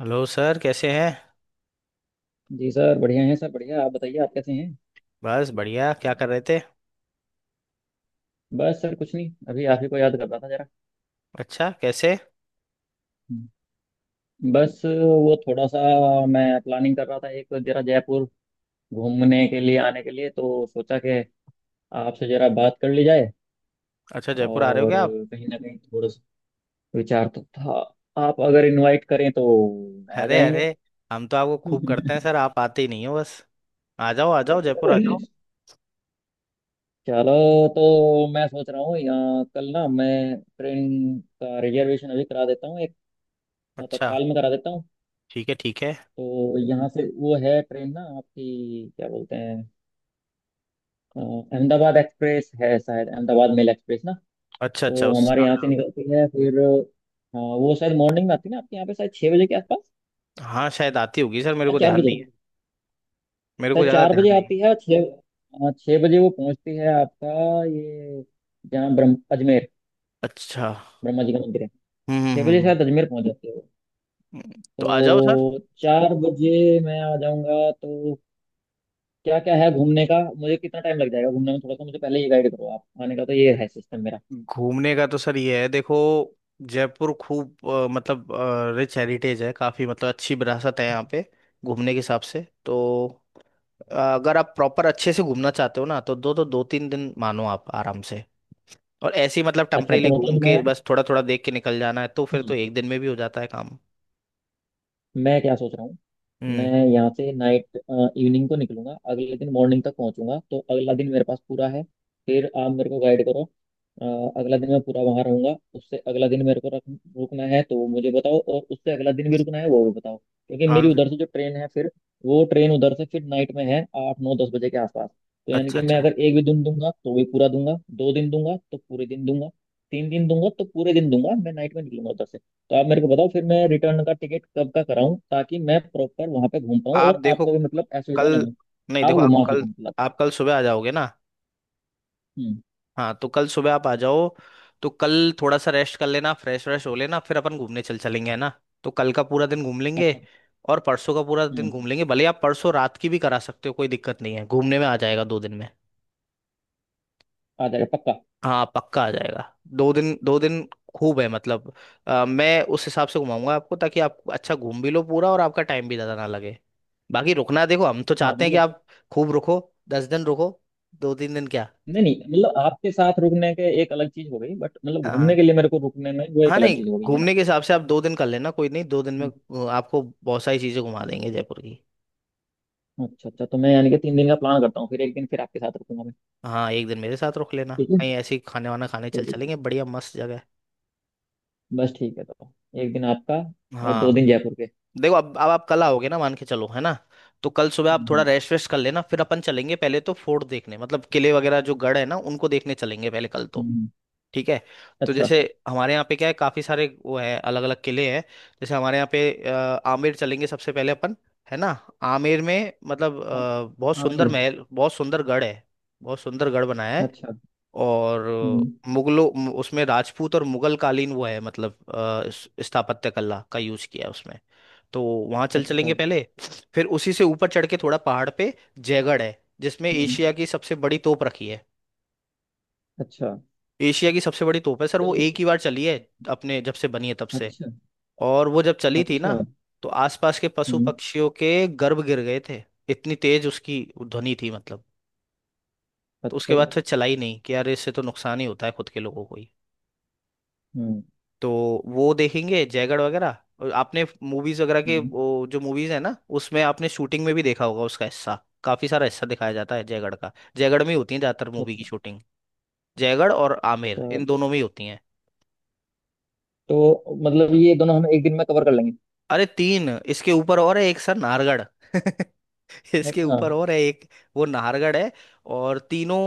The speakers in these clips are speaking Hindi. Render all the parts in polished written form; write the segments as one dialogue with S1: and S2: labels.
S1: हेलो सर, कैसे हैं?
S2: जी सर, बढ़िया हैं सर, बढ़िया। आप बताइए, आप कैसे हैं?
S1: बस बढ़िया, क्या कर रहे थे?
S2: बस सर कुछ नहीं, अभी आप ही को याद कर रहा था जरा।
S1: अच्छा, कैसे?
S2: हम्म। बस वो थोड़ा सा मैं प्लानिंग कर रहा था एक जरा जयपुर घूमने के लिए आने के लिए, तो सोचा कि आपसे जरा बात कर ली जाए।
S1: अच्छा, जयपुर आ रहे हो
S2: और
S1: क्या आप?
S2: कहीं ना कहीं थोड़ा सा विचार तो था, आप अगर इनवाइट करें तो आ
S1: अरे
S2: जाएंगे।
S1: अरे, हम तो आपको खूब करते हैं सर, आप आते ही नहीं हो बस। आ जाओ, आ जाओ, जयपुर आ जाओ।
S2: चलो, तो मैं सोच रहा हूँ यहाँ कल ना मैं ट्रेन का रिजर्वेशन अभी करा देता हूँ एक,
S1: अच्छा।
S2: तत्काल में करा देता हूँ।
S1: ठीक है, ठीक है।
S2: तो यहाँ से वो है ट्रेन ना आपकी, क्या बोलते हैं, अ, अहमदाबाद एक्सप्रेस है शायद, अहमदाबाद मेल एक्सप्रेस ना।
S1: अच्छा अच्छा
S2: तो
S1: उस।
S2: हमारे यहाँ से निकलती है, फिर वो शायद मॉर्निंग में आती है ना आपके यहाँ पे, शायद 6 बजे के आसपास।
S1: हाँ, शायद आती होगी सर, मेरे
S2: या
S1: को
S2: चार
S1: ध्यान
S2: बजे
S1: नहीं है। मेरे को
S2: शायद
S1: ज़्यादा
S2: चार
S1: ध्यान
S2: बजे
S1: नहीं है।
S2: आती है और छः, 6 बजे वो पहुँचती है आपका, ये जहाँ ब्रह्म अजमेर,
S1: अच्छा।
S2: ब्रह्मा जी का मंदिर है।
S1: हम्म हम्म
S2: 6 बजे
S1: हम्म,
S2: शायद अजमेर पहुँच जाती है।
S1: तो
S2: वो
S1: आ जाओ सर।
S2: तो 4 बजे मैं आ जाऊँगा, तो क्या क्या है घूमने का, मुझे कितना टाइम लग जाएगा घूमने में, थोड़ा सा मुझे पहले ये गाइड करो। आप आने का तो ये है सिस्टम मेरा।
S1: घूमने का तो सर ये है, देखो। जयपुर खूब, मतलब रिच हेरिटेज है काफ़ी, मतलब अच्छी विरासत है यहाँ पे। घूमने के हिसाब से तो अगर आप प्रॉपर अच्छे से घूमना चाहते हो ना, तो 2-3 दिन मानो आप आराम से। और ऐसे ही मतलब
S2: अच्छा,
S1: टेम्परेली
S2: तो
S1: घूम
S2: मतलब मैं,
S1: के बस थोड़ा थोड़ा देख के निकल जाना है, तो फिर
S2: सुनो,
S1: तो 1 दिन में भी हो जाता है काम।
S2: मैं क्या सोच रहा हूँ,
S1: हम्म।
S2: मैं यहाँ से नाइट, इवनिंग को निकलूंगा, अगले दिन मॉर्निंग तक पहुंचूंगा, तो अगला दिन मेरे पास पूरा है। फिर आप मेरे को गाइड करो। अगला दिन मैं पूरा वहां रहूंगा, उससे अगला दिन मेरे को रुकना है तो वो मुझे बताओ, और उससे अगला दिन भी रुकना है वो भी बताओ, क्योंकि
S1: हाँ।
S2: मेरी उधर से जो ट्रेन है फिर, वो ट्रेन उधर से फिर नाइट में है, 8, 9, 10 बजे के आसपास। तो यानी
S1: अच्छा
S2: कि मैं
S1: अच्छा।
S2: अगर एक भी दिन दूंगा तो भी पूरा दूंगा, दो दिन दूंगा तो पूरे दिन दूंगा, 3 दिन दूंगा तो पूरे दिन दूंगा। मैं नाइट में निकलूंगा उधर से। तो आप मेरे को बताओ फिर मैं रिटर्न का टिकट कब का कराऊं, ताकि मैं प्रॉपर वहां पे घूम पाऊं,
S1: आप
S2: और
S1: देखो,
S2: आपको भी मतलब असुविधा ना
S1: कल,
S2: हो,
S1: नहीं
S2: आप
S1: देखो आप
S2: घुमा
S1: कल,
S2: सको मतलब।
S1: आप कल सुबह आ जाओगे ना?
S2: हम्म।
S1: हाँ, तो कल सुबह आप आ जाओ। तो कल थोड़ा सा रेस्ट कर लेना, फ्रेश व्रेश हो लेना, फिर अपन घूमने चल चलेंगे, है ना। तो कल का पूरा दिन घूम लेंगे
S2: अच्छा।
S1: और परसों का पूरा दिन
S2: हम्म।
S1: घूम लेंगे। भले आप परसों रात की भी करा सकते हो, कोई दिक्कत नहीं है, घूमने में आ जाएगा 2 दिन में।
S2: आ जाएगा पक्का।
S1: हाँ, पक्का आ जाएगा। 2 दिन 2 दिन खूब है मतलब। मैं उस हिसाब से घुमाऊंगा आपको ताकि आप अच्छा घूम भी लो पूरा और आपका टाइम भी ज़्यादा ना लगे। बाकी रुकना, देखो हम तो
S2: हाँ
S1: चाहते हैं कि
S2: मतलब,
S1: आप खूब रुको, 10 दिन रुको, 2-3 दिन क्या।
S2: नहीं नहीं, मतलब आपके साथ रुकने के एक अलग चीज हो गई, बट मतलब घूमने
S1: हाँ।
S2: के लिए मेरे को रुकने में वो एक
S1: हाँ
S2: अलग
S1: नहीं,
S2: चीज हो गई है ना।
S1: घूमने के हिसाब से आप 2 दिन कर लेना, कोई नहीं, 2 दिन में
S2: हम्म।
S1: आपको बहुत सारी चीज़ें घुमा देंगे जयपुर की।
S2: अच्छा, अच्छा तो मैं यानी कि 3 दिन का प्लान करता हूँ फिर, एक दिन फिर आपके साथ रुकूंगा मैं।
S1: हाँ, एक दिन मेरे साथ रुक लेना,
S2: ठीक है।
S1: कहीं ऐसे ही खाने वाना खाने चल
S2: चलिए।
S1: चलेंगे, बढ़िया मस्त जगह
S2: बस ठीक है, तो एक दिन आपका,
S1: है।
S2: और दो
S1: हाँ।
S2: दिन जयपुर के।
S1: देखो, अब आप कल आओगे ना, मान के चलो, है ना। तो कल सुबह आप
S2: हम्म,
S1: थोड़ा रेस्ट वेस्ट कर लेना, फिर अपन चलेंगे पहले तो फोर्ट देखने, मतलब किले वगैरह जो गढ़ है ना उनको देखने चलेंगे पहले, कल तो।
S2: हम्म।
S1: ठीक है। तो
S2: अच्छा।
S1: जैसे हमारे यहाँ पे क्या है, काफी सारे वो है, अलग अलग किले हैं। जैसे हमारे यहाँ पे आमेर चलेंगे सबसे पहले अपन, है ना। आमेर में मतलब
S2: हाँ,
S1: बहुत
S2: हाँ,
S1: सुंदर
S2: मैं।
S1: महल, बहुत सुंदर गढ़ है, बहुत सुंदर गढ़ बनाया है।
S2: अच्छा।
S1: और
S2: हम्म।
S1: उसमें राजपूत और मुगल कालीन वो है, मतलब स्थापत्य कला का यूज किया है उसमें। तो वहां चल
S2: अच्छा।
S1: चलेंगे पहले, फिर उसी से ऊपर चढ़ के थोड़ा पहाड़ पे जयगढ़ है, जिसमें
S2: हम्म।
S1: एशिया की सबसे बड़ी तोप रखी है।
S2: अच्छा।
S1: एशिया की सबसे बड़ी तोप है सर,
S2: तो
S1: वो
S2: ये।
S1: एक ही बार चली है, अपने जब से बनी है तब से।
S2: अच्छा,
S1: और वो जब चली थी ना,
S2: अच्छा।
S1: तो आसपास के पशु
S2: हम्म।
S1: पक्षियों के गर्भ गिर गए थे, इतनी तेज उसकी ध्वनि थी मतलब। तो उसके
S2: अच्छा जी।
S1: बाद फिर चला ही नहीं कि यार इससे तो नुकसान ही होता है खुद के लोगों को ही।
S2: हम्म,
S1: तो वो देखेंगे जयगढ़ वगैरह। और आपने मूवीज वगैरह के
S2: हम्म।
S1: वो जो मूवीज है ना, उसमें आपने शूटिंग में भी देखा होगा, उसका हिस्सा, काफी सारा हिस्सा दिखाया जाता है जयगढ़ का, जयगढ़ में ही होती है ज्यादातर मूवी की
S2: अच्छा।
S1: शूटिंग। जयगढ़ और आमेर,
S2: तो,
S1: इन दोनों में ही होती है।
S2: तो मतलब ये दोनों हम एक दिन में कवर कर लेंगे।
S1: अरे तीन इसके ऊपर और है, एक सर नाहरगढ़। इसके
S2: अच्छा।
S1: ऊपर और है एक, वो नाहरगढ़ है। और तीनों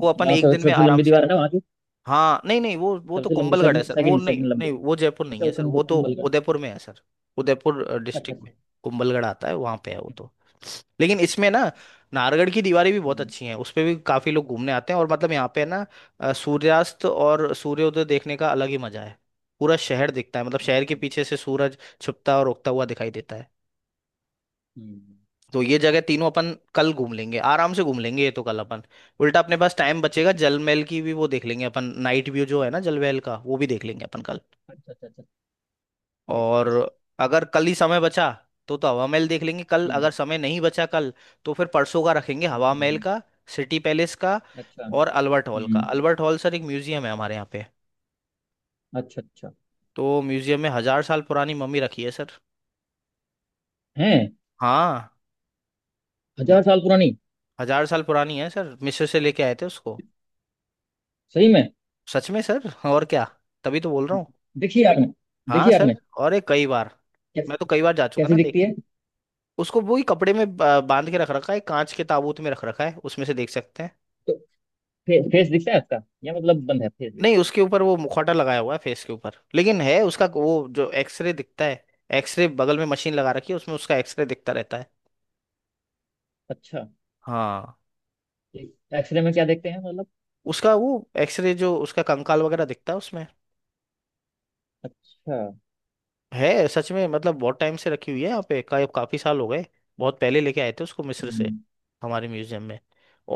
S1: को अपन
S2: जहाँ
S1: एक दिन में
S2: सबसे
S1: आराम
S2: लंबी
S1: से।
S2: दीवार है ना वहाँ की।
S1: हाँ नहीं नहीं, वो तो
S2: सबसे लंबी,
S1: कुंभलगढ़ है
S2: सेकंड
S1: सर। वो
S2: सेकंड
S1: नहीं
S2: सेकंड
S1: नहीं,
S2: लंबी।
S1: वो जयपुर नहीं
S2: अच्छा,
S1: है
S2: वो
S1: सर, वो तो
S2: कुंभल का।
S1: उदयपुर में है सर। उदयपुर
S2: अच्छा,
S1: डिस्ट्रिक्ट में
S2: अच्छा,
S1: कुंभलगढ़ आता है, वहां पे है वो तो। लेकिन
S2: अच्छा।
S1: इसमें ना नाहरगढ़ की दीवारें भी बहुत
S2: हम्म।
S1: अच्छी हैं, उस पे भी काफी लोग घूमने आते हैं। और मतलब यहाँ पे ना सूर्यास्त और सूर्योदय देखने का अलग ही मजा है। पूरा शहर दिखता है, मतलब शहर के
S2: अच्छा।
S1: पीछे से सूरज छुपता और उगता हुआ दिखाई देता है।
S2: हम्म।
S1: तो ये जगह तीनों अपन कल घूम लेंगे आराम से, घूम लेंगे ये तो कल अपन। उल्टा अपने पास टाइम बचेगा,
S2: अच्छा,
S1: जल महल की भी वो देख लेंगे अपन, नाइट व्यू जो है ना जल महल का, वो भी देख लेंगे अपन कल।
S2: अच्छा, अच्छा, अच्छा। ठीक,
S1: और
S2: ठीक।
S1: अगर कल ही समय बचा तो हवा महल देख लेंगे। कल
S2: हम्म,
S1: अगर समय नहीं बचा कल, तो फिर परसों का रखेंगे
S2: हम्म,
S1: हवा महल
S2: हम्म।
S1: का, सिटी पैलेस का,
S2: अच्छा।
S1: और अल्बर्ट हॉल का।
S2: हम्म।
S1: अल्बर्ट हॉल सर एक म्यूजियम है हमारे यहाँ पे।
S2: अच्छा, अच्छा।
S1: तो म्यूजियम में 1,000 साल पुरानी मम्मी रखी है सर।
S2: है?
S1: हाँ,
S2: 1000 साल पुरानी?
S1: 1,000 साल पुरानी है सर, मिस्र से लेके आए थे उसको।
S2: सही में?
S1: सच में सर, और क्या, तभी तो बोल रहा हूँ।
S2: देखिए आपने
S1: हाँ
S2: देखिए
S1: लेकिन
S2: आपने
S1: सर, और ये कई बार,
S2: कैसे,
S1: मैं तो कई बार जा चुका ना
S2: कैसी दिखती
S1: देखने।
S2: है?
S1: उसको वही कपड़े में बांध के रख रखा है, कांच के ताबूत में रख रखा है, उसमें से देख सकते हैं।
S2: तो फेस दिखता है उसका, या मतलब बंद है फेस भी?
S1: नहीं, उसके ऊपर वो मुखौटा लगाया हुआ है फेस के ऊपर, लेकिन है उसका वो जो एक्सरे दिखता है। एक्सरे बगल में मशीन लगा रखी है, उसमें उसका एक्सरे दिखता रहता है।
S2: अच्छा,
S1: हाँ,
S2: एक्सरे में क्या देखते हैं मतलब?
S1: उसका वो एक्सरे, जो उसका कंकाल वगैरह दिखता है उसमें।
S2: अच्छा।
S1: है सच में, मतलब बहुत टाइम से रखी हुई है यहाँ पे, काफी साल हो गए। बहुत पहले लेके आए थे उसको मिस्र से,
S2: हम्म।
S1: हमारे म्यूजियम में।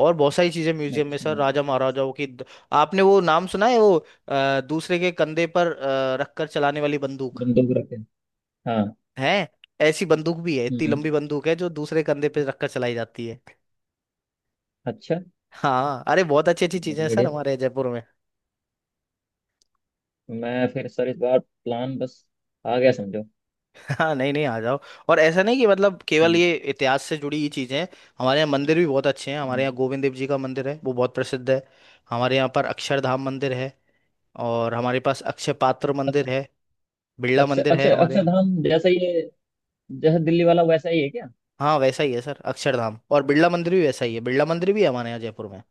S1: और बहुत सारी चीजें म्यूजियम में
S2: अच्छा।
S1: सर, राजा महाराजाओं की आपने वो नाम सुना है, वो दूसरे के कंधे पर रखकर चलाने वाली बंदूक
S2: बंदूक रखे हैं। हाँ।
S1: है। ऐसी बंदूक भी है, इतनी
S2: हम्म।
S1: लंबी बंदूक है जो दूसरे कंधे पे रखकर चलाई जाती है।
S2: अच्छा।
S1: हाँ अरे, बहुत अच्छी अच्छी
S2: बहुत
S1: चीजें हैं सर
S2: बढ़िया।
S1: हमारे जयपुर में।
S2: मैं फिर सर इस बार प्लान बस, आ गया समझो।
S1: हाँ नहीं नहीं, आ जाओ। और ऐसा नहीं कि मतलब केवल
S2: हम्म,
S1: ये इतिहास से जुड़ी ही चीजें हैं। हमारे यहाँ मंदिर भी बहुत अच्छे हैं, हमारे
S2: हम्म।
S1: यहाँ गोविंद देव जी का मंदिर है, वो बहुत प्रसिद्ध है। हमारे यहाँ पर अक्षरधाम मंदिर है, और हमारे पास अक्षय पात्र मंदिर है, बिरला
S2: अक्षर
S1: मंदिर है
S2: अक्षर
S1: हमारे यहाँ।
S2: अक्षरधाम जैसा ये, जैसा दिल्ली वाला वैसा ही है क्या?
S1: हाँ वैसा ही है सर, अक्षरधाम और बिरला मंदिर भी वैसा ही है, बिरला मंदिर भी है हमारे यहाँ जयपुर में।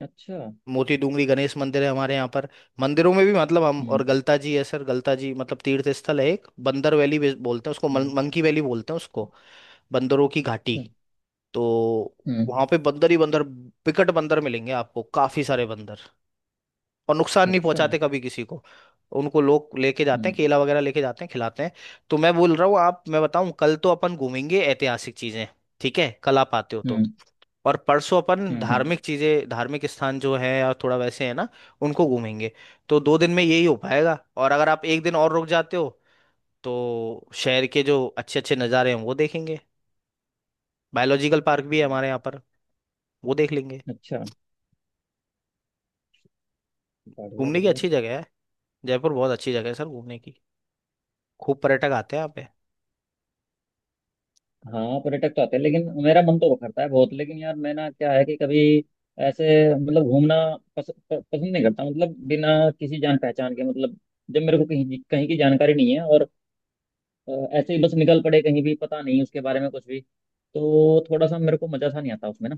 S2: अच्छा।
S1: मोती डूंगरी गणेश मंदिर है हमारे यहाँ पर। मंदिरों में भी मतलब हम, और
S2: हम्म,
S1: गलता जी है सर, गलता जी मतलब तीर्थ स्थल है, एक बंदर वैली भी बोलते हैं उसको,
S2: हम्म।
S1: मंकी वैली बोलते हैं उसको, बंदरों की घाटी।
S2: अच्छा।
S1: तो
S2: हम्म।
S1: वहां पे बंदर ही बंदर, विकट बंदर मिलेंगे आपको, काफी सारे बंदर, और नुकसान नहीं
S2: अच्छा।
S1: पहुंचाते कभी किसी को। उनको लोग लेके जाते हैं,
S2: हम्म,
S1: केला वगैरह लेके जाते हैं, खिलाते हैं। तो मैं बोल रहा हूँ आप, मैं बताऊं, कल तो अपन घूमेंगे ऐतिहासिक चीजें, ठीक है? कल आप आते हो तो।
S2: हम्म,
S1: और परसों अपन
S2: हम्म,
S1: धार्मिक चीजें, धार्मिक स्थान जो है या थोड़ा वैसे, है ना, उनको घूमेंगे। तो 2 दिन में यही हो पाएगा। और अगर आप एक दिन और रुक जाते हो तो शहर के जो अच्छे अच्छे नज़ारे हैं वो देखेंगे, बायोलॉजिकल पार्क भी है
S2: हम्म।
S1: हमारे यहाँ पर, वो देख लेंगे।
S2: अच्छा। बढ़िया,
S1: घूमने की
S2: बढ़िया।
S1: अच्छी जगह है, जयपुर बहुत अच्छी जगह है सर घूमने की, खूब पर्यटक आते हैं यहाँ पे।
S2: हाँ पर्यटक तो आते हैं, लेकिन मेरा मन तो करता है बहुत, लेकिन यार मैं ना क्या है कि कभी ऐसे, मतलब घूमना पसंद नहीं करता, मतलब बिना किसी जान पहचान के, मतलब जब मेरे को कहीं कहीं की जानकारी नहीं है और अ, ऐसे ही बस निकल पड़े कहीं भी, पता नहीं उसके बारे में कुछ भी, तो थोड़ा सा मेरे को मजा सा नहीं आता उसमें ना।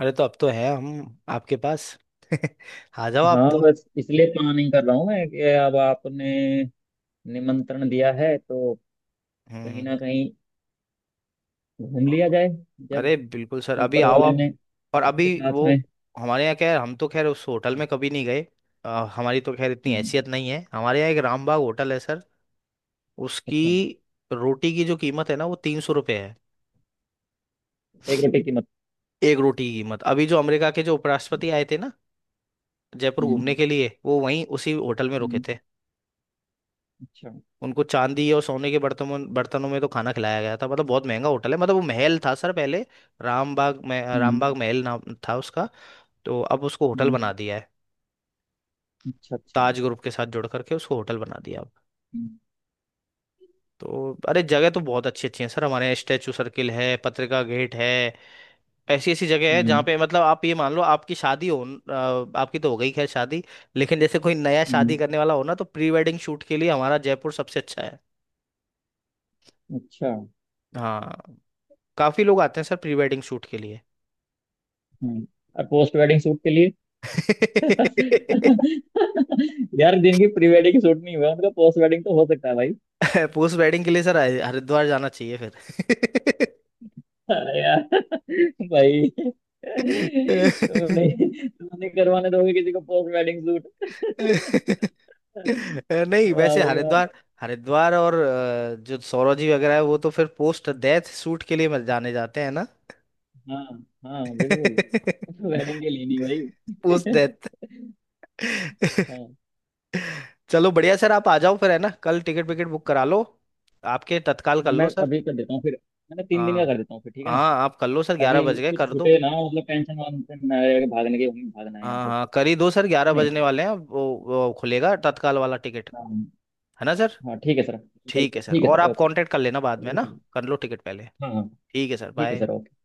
S1: अरे तो अब तो है हम आपके पास। आ जाओ आप
S2: हाँ
S1: तो।
S2: बस इसलिए प्लानिंग कर रहा हूँ मैं कि अब आपने निमंत्रण दिया है, तो कहीं
S1: हम्म।
S2: ना कहीं घूम लिया जाए, जब
S1: अरे बिल्कुल सर, अभी
S2: ऊपर
S1: आओ
S2: वाले
S1: आप।
S2: ने,
S1: और अभी
S2: आपके साथ
S1: वो,
S2: में।
S1: हमारे यहाँ क्या है, हम तो खैर उस होटल
S2: हम्म,
S1: में कभी नहीं गए। अ, हमारी तो खैर इतनी
S2: हम्म।
S1: हैसियत नहीं है। हमारे यहाँ एक रामबाग होटल है सर, उसकी
S2: अच्छा।
S1: रोटी की जो कीमत है ना, वो 300 रुपये है।
S2: एक रोटी की?
S1: एक रोटी की कीमत। अभी जो अमेरिका के जो उपराष्ट्रपति आए थे ना जयपुर
S2: हम्म,
S1: घूमने के लिए, वो वहीं उसी होटल में रुके
S2: हम्म।
S1: थे।
S2: अच्छा।
S1: उनको चांदी और सोने के बर्तनों बर्तनों में तो खाना खिलाया गया था, मतलब बहुत महंगा होटल है। मतलब वो महल था सर पहले, रामबाग में,
S2: हम्म,
S1: रामबाग महल नाम था उसका। तो अब उसको होटल
S2: हम्म।
S1: बना दिया है,
S2: अच्छा, अच्छा।
S1: ताज ग्रुप के साथ जोड़ करके उसको होटल बना दिया अब।
S2: हम्म,
S1: तो अरे जगह तो बहुत अच्छी अच्छी है सर हमारे यहाँ, स्टैचू सर्किल है, पत्रिका गेट है। ऐसी ऐसी जगह है जहाँ
S2: हम्म,
S1: पे मतलब आप ये मान लो आपकी शादी हो। आपकी तो हो गई खैर शादी, लेकिन जैसे कोई नया शादी
S2: हम्म।
S1: करने वाला हो ना, तो प्री वेडिंग शूट के लिए हमारा जयपुर सबसे अच्छा है।
S2: अच्छा।
S1: हाँ। काफी लोग आते हैं सर प्री वेडिंग शूट के लिए।
S2: हम्म। और पोस्ट वेडिंग शूट के लिए? यार, जिनकी प्री वेडिंग शूट नहीं हुआ उनका पोस्ट वेडिंग तो हो सकता है भाई।
S1: पोस्ट वेडिंग के लिए सर हरिद्वार जाना चाहिए फिर।
S2: अरे यार! भाई तुमने तुमने करवाने दोगे किसी को पोस्ट वेडिंग शूट?
S1: नहीं
S2: वाह
S1: वैसे
S2: भाई वाह।
S1: हरिद्वार, हरिद्वार और जो सौरव जी वगैरह है, वो तो फिर पोस्ट डेथ शूट के लिए जाने जाते हैं ना।
S2: हाँ, हाँ बिल्कुल। वेडिंग के लिए नहीं
S1: पोस्ट
S2: भाई।
S1: डेथ।
S2: हाँ।
S1: चलो बढ़िया सर, आप आ जाओ फिर, है ना। कल टिकट विकेट बुक करा लो, आपके तत्काल
S2: हाँ
S1: कर
S2: मैं
S1: लो सर।
S2: अभी कर देता हूँ फिर। मैंने 3 दिन का कर
S1: हाँ
S2: देता हूँ फिर, ठीक है ना?
S1: हाँ, आप कर लो सर, 11
S2: ताकि
S1: बज गए,
S2: कुछ
S1: कर दो।
S2: छूटे ना, मतलब टेंशन वांशन ना रहे कि भागने के, हमें भागना है यहाँ
S1: हाँ
S2: से।
S1: हाँ, कर ही दो सर, 11
S2: है नहीं?
S1: बजने वाले हैं, वो खुलेगा तत्काल वाला टिकट।
S2: हाँ।
S1: है ना सर।
S2: हाँ ठीक है सर।
S1: ठीक है सर,
S2: ठीक है
S1: और
S2: सर।
S1: आप
S2: ओके।
S1: कांटेक्ट कर लेना बाद में ना।
S2: ओके।
S1: कर लो टिकट पहले।
S2: हाँ, हाँ।
S1: ठीक है सर,
S2: ठीक है
S1: बाय।
S2: सर। ओके।